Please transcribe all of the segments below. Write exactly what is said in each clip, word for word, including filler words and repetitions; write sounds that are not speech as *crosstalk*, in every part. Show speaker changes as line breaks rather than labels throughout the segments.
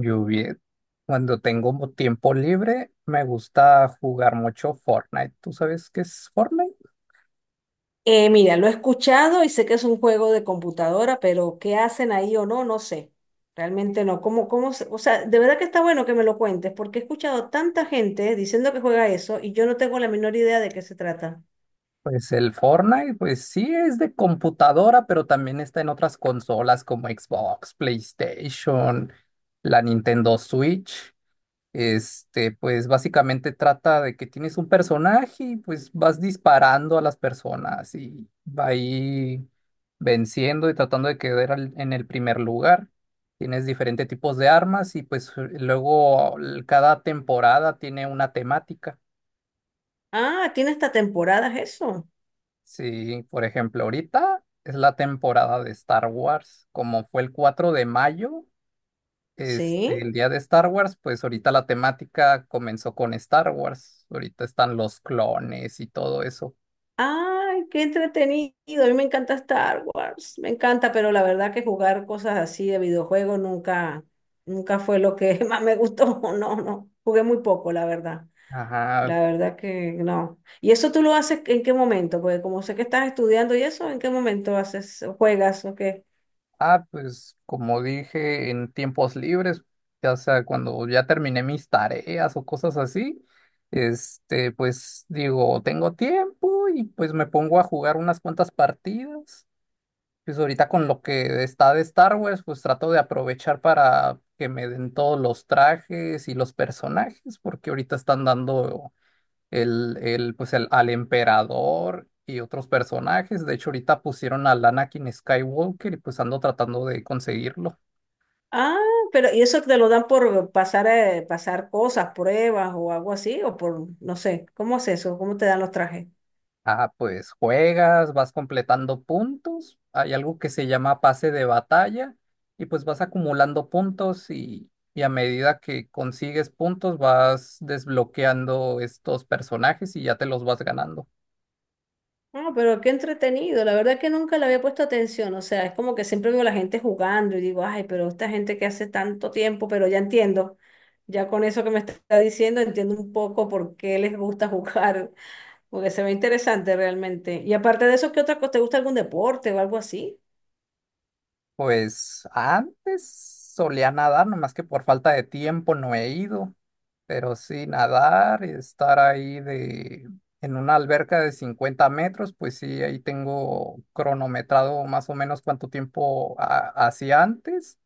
Yo bien, cuando tengo mo- tiempo libre, me gusta jugar mucho Fortnite. ¿Tú sabes qué es Fortnite?
Eh, mira, lo he escuchado y sé que es un juego de computadora, pero qué hacen ahí o no, no sé. Realmente no. ¿Cómo, cómo se- o sea, de verdad que está bueno que me lo cuentes, porque he escuchado tanta gente diciendo que juega eso y yo no tengo la menor idea de qué se trata.
Pues el Fortnite, pues sí es de computadora, pero también está en otras consolas como Xbox, PlayStation, la Nintendo Switch. Este, pues básicamente trata de que tienes un personaje y pues vas disparando a las personas y va ahí venciendo y tratando de quedar al- en el primer lugar. Tienes diferentes tipos de armas y pues luego l- cada temporada tiene una temática.
Ah, tiene esta temporada eso.
Sí, por ejemplo, ahorita es la temporada de Star Wars, como fue el cuatro de mayo. Este,
Sí.
el día de Star Wars, pues ahorita la temática comenzó con Star Wars. Ahorita están los clones y todo eso.
Ay, qué entretenido. A mí me encanta Star Wars. Me encanta, pero la verdad que jugar cosas así de videojuegos nunca, nunca fue lo que *laughs* más me gustó. No, no. Jugué muy poco, la verdad.
Ajá.
La verdad que no. ¿Y eso tú lo haces en qué momento? Porque como sé que estás estudiando y eso, ¿en qué momento haces, juegas o qué?
Ah, pues como dije, en tiempos libres, ya sea cuando ya terminé mis tareas o cosas así, este, pues digo, tengo tiempo y pues me pongo a jugar unas cuantas partidas. Pues ahorita con lo que está de Star Wars, pues trato de aprovechar para que me den todos los trajes y los personajes, porque ahorita están dando el, el, pues el, al emperador y otros personajes. De hecho, ahorita pusieron al Anakin Skywalker y pues ando tratando de conseguirlo.
Ah, pero ¿y eso te lo dan por pasar, eh, pasar cosas, pruebas o algo así? O por, no sé, ¿cómo es eso? ¿Cómo te dan los trajes?
Ah, pues juegas, vas completando puntos, hay algo que se llama pase de batalla y pues vas acumulando puntos y, y a medida que consigues puntos vas desbloqueando estos personajes y ya te los vas ganando.
No, pero qué entretenido. La verdad que nunca le había puesto atención. O sea, es como que siempre veo a la gente jugando y digo, ay, pero esta gente que hace tanto tiempo, pero ya entiendo. Ya con eso que me está diciendo, entiendo un poco por qué les gusta *laughs* jugar. Porque se ve interesante realmente. Y aparte de eso, ¿qué otra cosa? ¿Te gusta algún deporte o algo así?
Pues antes solía nadar, nomás que por falta de tiempo no he ido. Pero sí, nadar y estar ahí de, en una alberca de cincuenta metros, pues sí, ahí tengo cronometrado más o menos cuánto tiempo ha- hacía antes.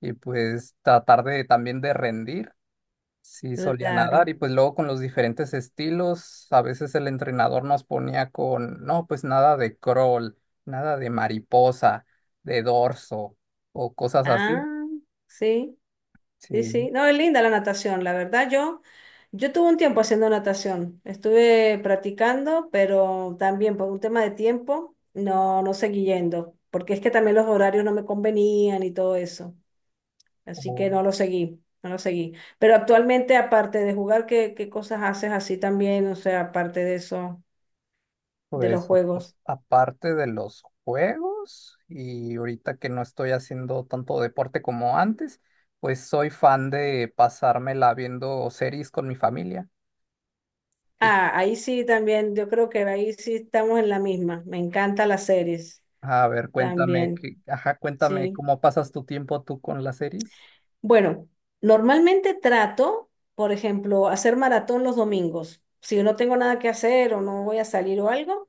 Y pues tratar de también de rendir. Sí, solía nadar
Claro.
y pues luego con los diferentes estilos, a veces el entrenador nos ponía con, no, pues nada de crawl, nada de mariposa, de dorso o cosas así.
Ah, sí, sí,
Sí,
sí. No, es linda la natación, la verdad. Yo, yo tuve un tiempo haciendo natación. Estuve practicando, pero también por un tema de tiempo, no, no seguí yendo. Porque es que también los horarios no me convenían y todo eso. Así
o,
que no lo seguí, no lo seguí. Pero actualmente, aparte de jugar, ¿qué, qué cosas haces así también? O sea, aparte de eso, de los
pues a-
juegos.
aparte de los juegos y ahorita que no estoy haciendo tanto deporte como antes, pues soy fan de pasármela viendo series con mi familia. Y,
Ah, ahí sí también, yo creo que ahí sí estamos en la misma. Me encantan las series
a ver, cuéntame,
también,
qué- ajá, cuéntame
sí.
cómo pasas tu tiempo tú con las series.
Bueno, normalmente trato, por ejemplo, hacer maratón los domingos. Si no tengo nada que hacer o no voy a salir o algo,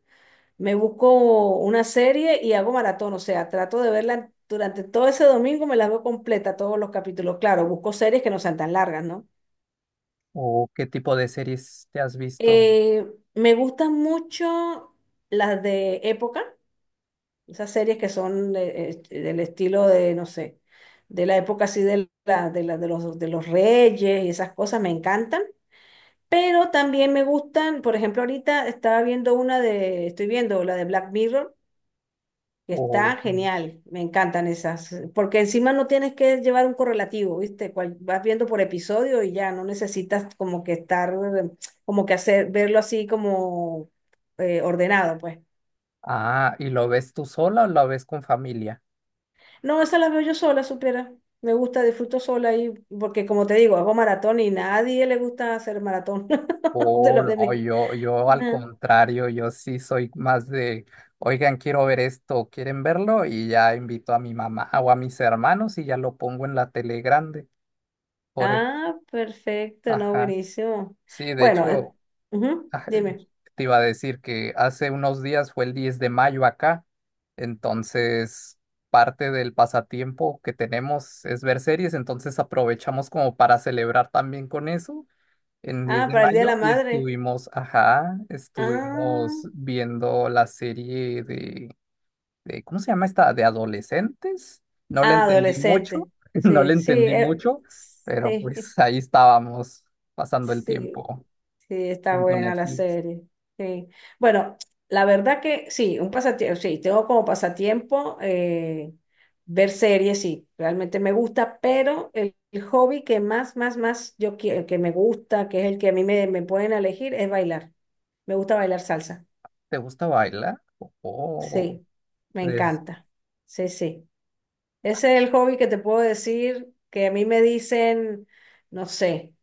me busco una serie y hago maratón. O sea, trato de verla durante todo ese domingo, me la veo completa, todos los capítulos. Claro, busco series que no sean tan largas, ¿no?
¿O qué tipo de series te has visto?
Eh, me gustan mucho las de época. Esas series que son eh, eh, del estilo de, no sé, de la época así de, la, de, la- de los, de los reyes y esas cosas me encantan. Pero también me gustan, por ejemplo, ahorita estaba viendo una de, estoy viendo la de Black Mirror, que
O,
está genial, me encantan esas, eh, porque encima no tienes que llevar un correlativo, ¿viste? Cual- vas viendo por episodio y ya no necesitas como que estar, eh, como que hacer, verlo así como eh, ordenado, pues.
ah, ¿y lo ves tú sola o lo ves con familia?
No, esa la veo yo sola, supiera. Me gusta, disfruto sola y porque como te digo, hago maratón y nadie le gusta hacer maratón *laughs* de
Oh,
los de
no,
mí.
yo, yo al
Ah,
contrario, yo sí soy más de, oigan, quiero ver esto, ¿quieren verlo? Y ya invito a mi mamá o a mis hermanos y ya lo pongo en la tele grande. Por el-
Ah, perfecto, no,
Ajá.
buenísimo.
Sí, de
Bueno, eh,
hecho,
ujú,
ah,
dime.
te iba a decir que hace unos días fue el diez de mayo acá, entonces parte del pasatiempo que tenemos es ver series, entonces aprovechamos como para celebrar también con eso en diez
Ah,
de
para el Día de
mayo
la
y
Madre.
estuvimos, ajá,
Ah,
estuvimos viendo la serie de, de ¿cómo se llama esta? De adolescentes. No le entendí mucho,
adolescente.
*laughs* no le
Sí, sí,
entendí
eh,
mucho, pero
sí,
pues ahí estábamos
*laughs*
pasando el
sí.
tiempo.
Sí, está
Viendo
buena la
Netflix.
serie. Sí. Bueno, la verdad que sí, un pasatiempo, sí, tengo como pasatiempo eh, ver series, sí, realmente me gusta, pero el, el hobby que más, más, más yo quiero, que me gusta, que es el que a mí me, me pueden elegir, es bailar. Me gusta bailar salsa.
¿Te gusta bailar? Oh,
Sí, me
des-
encanta. Sí, sí. Ese es el hobby que te puedo decir que a mí me dicen, no sé,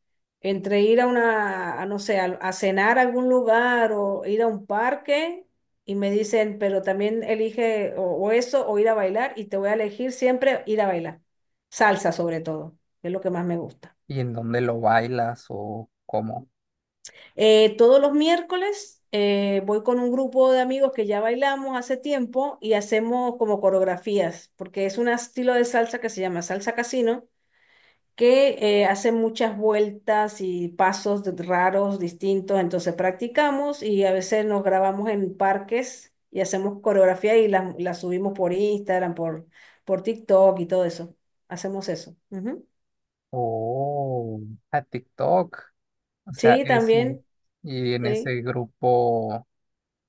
entre ir a una, a, no sé, a, a cenar a algún lugar o ir a un parque y me dicen, pero también elige o, o eso o ir a bailar y te voy a elegir siempre ir a bailar. Salsa sobre todo, que es lo que más me gusta.
¿y en dónde lo bailas o cómo?
Eh, todos los miércoles eh, voy con un grupo de amigos que ya bailamos hace tiempo y hacemos como coreografías, porque es un estilo de salsa que se llama salsa casino que eh, hace muchas vueltas y pasos de- raros, distintos, entonces practicamos y a veces nos grabamos en parques y hacemos coreografía y la, la subimos por Instagram, por, por TikTok y todo eso. Hacemos eso. Ujú.
Oh, a TikTok. O sea,
Sí,
eso.
también.
Y en
Sí.
ese grupo,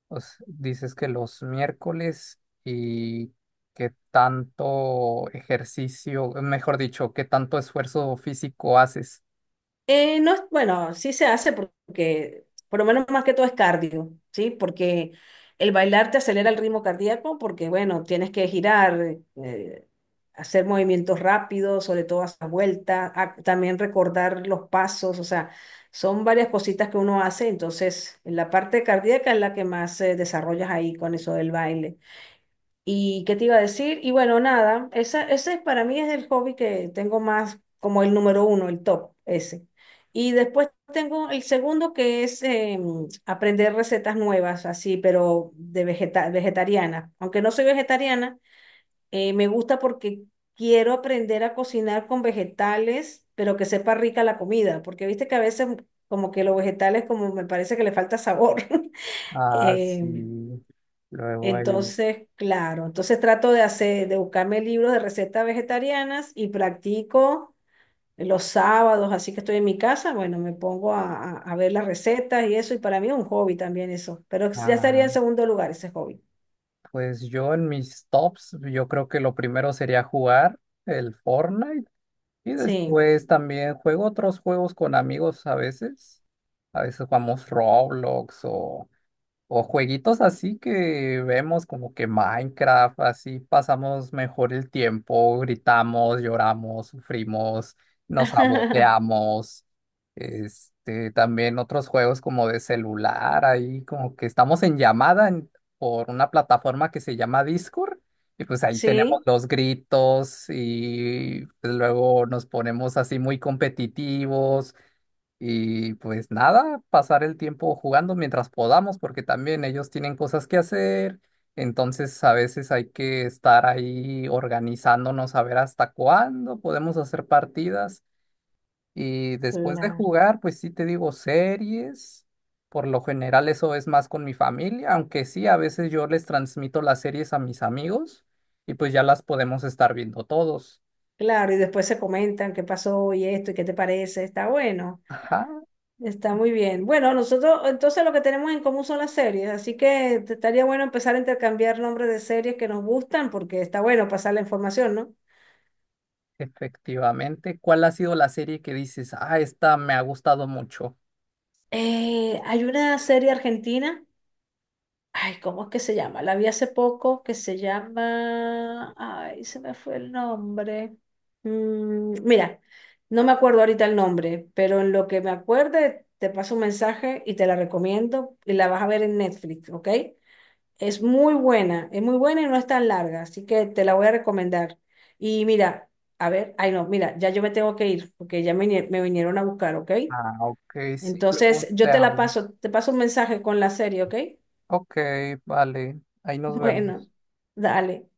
pues, dices que los miércoles y qué tanto ejercicio, mejor dicho, qué tanto esfuerzo físico haces.
Eh, no, es- bueno, sí se hace porque, por lo menos más que todo es cardio, ¿sí? Porque el bailar te acelera el ritmo cardíaco porque, bueno, tienes que girar, eh, hacer movimientos rápidos, sobre todo hacer vueltas, ah, también recordar los pasos, o sea, son varias cositas que uno hace, entonces la parte cardíaca es la que más eh, desarrollas ahí con eso del baile. ¿Y qué te iba a decir? Y bueno, nada, esa, ese para mí es el hobby que tengo más como el número uno, el top, ese. Y después tengo el segundo que es eh, aprender recetas nuevas, así, pero de vegeta vegetariana. Aunque no soy vegetariana, eh, me gusta porque quiero aprender a cocinar con vegetales, pero que sepa rica la comida, porque viste que a veces como que los vegetales como me parece que le falta sabor. *laughs*
Ah,
Em,
sí. Luego el,
entonces, claro, entonces trato de hacer, de buscarme libros de recetas vegetarianas y practico los sábados, así que estoy en mi casa, bueno, me pongo a, a- a ver las recetas y eso, y para mí es un hobby también eso, pero ya estaría en
ah,
segundo lugar ese hobby.
Pues yo en mis tops, yo creo que lo primero sería jugar el Fortnite y
Sí.
después también juego otros juegos con amigos a veces. A veces jugamos Roblox o o jueguitos así que vemos como que Minecraft, así pasamos mejor el tiempo, gritamos, lloramos, sufrimos, nos
*laughs*
saboteamos. Este, también otros juegos como de celular, ahí como que estamos en llamada en- por una plataforma que se llama Discord, y pues ahí tenemos
Sí,
los gritos y pues, luego nos ponemos así muy competitivos. Y pues nada, pasar el tiempo jugando mientras podamos, porque también ellos tienen cosas que hacer. Entonces a veces hay que estar ahí organizándonos a ver hasta cuándo podemos hacer partidas. Y después de
claro.
jugar, pues sí te digo series. Por lo general eso es más con mi familia, aunque sí, a veces yo les transmito las series a mis amigos y pues ya las podemos estar viendo todos.
Claro, y después se comentan qué pasó y esto y qué te parece, está bueno.
Ajá,
Está muy bien. Bueno, nosotros entonces lo que tenemos en común son las series, así que te- estaría bueno empezar a intercambiar nombres de series que nos gustan porque está bueno pasar la información, ¿no?
efectivamente, ¿cuál ha sido la serie que dices, ah, esta me ha gustado mucho?
Eh, hay una serie argentina, ay, ¿cómo es que se llama? La vi hace poco que se llama, ay, se me fue el nombre. Mm, mira, no me acuerdo ahorita el nombre, pero en lo que me acuerde te paso un mensaje y te la recomiendo y la vas a ver en Netflix, ¿ok? Es muy buena, es muy buena y no es tan larga, así que te la voy a recomendar. Y mira, a ver, ay no, mira, ya yo me tengo que ir porque ya me, vine- me vinieron a buscar, ¿ok?
Ah, ok, sí,
Entonces,
luego te
yo te la
hablo.
paso, te paso un mensaje con la serie, ¿ok? *laughs*
Ok, vale, ahí nos
Bueno,
vemos.
dale.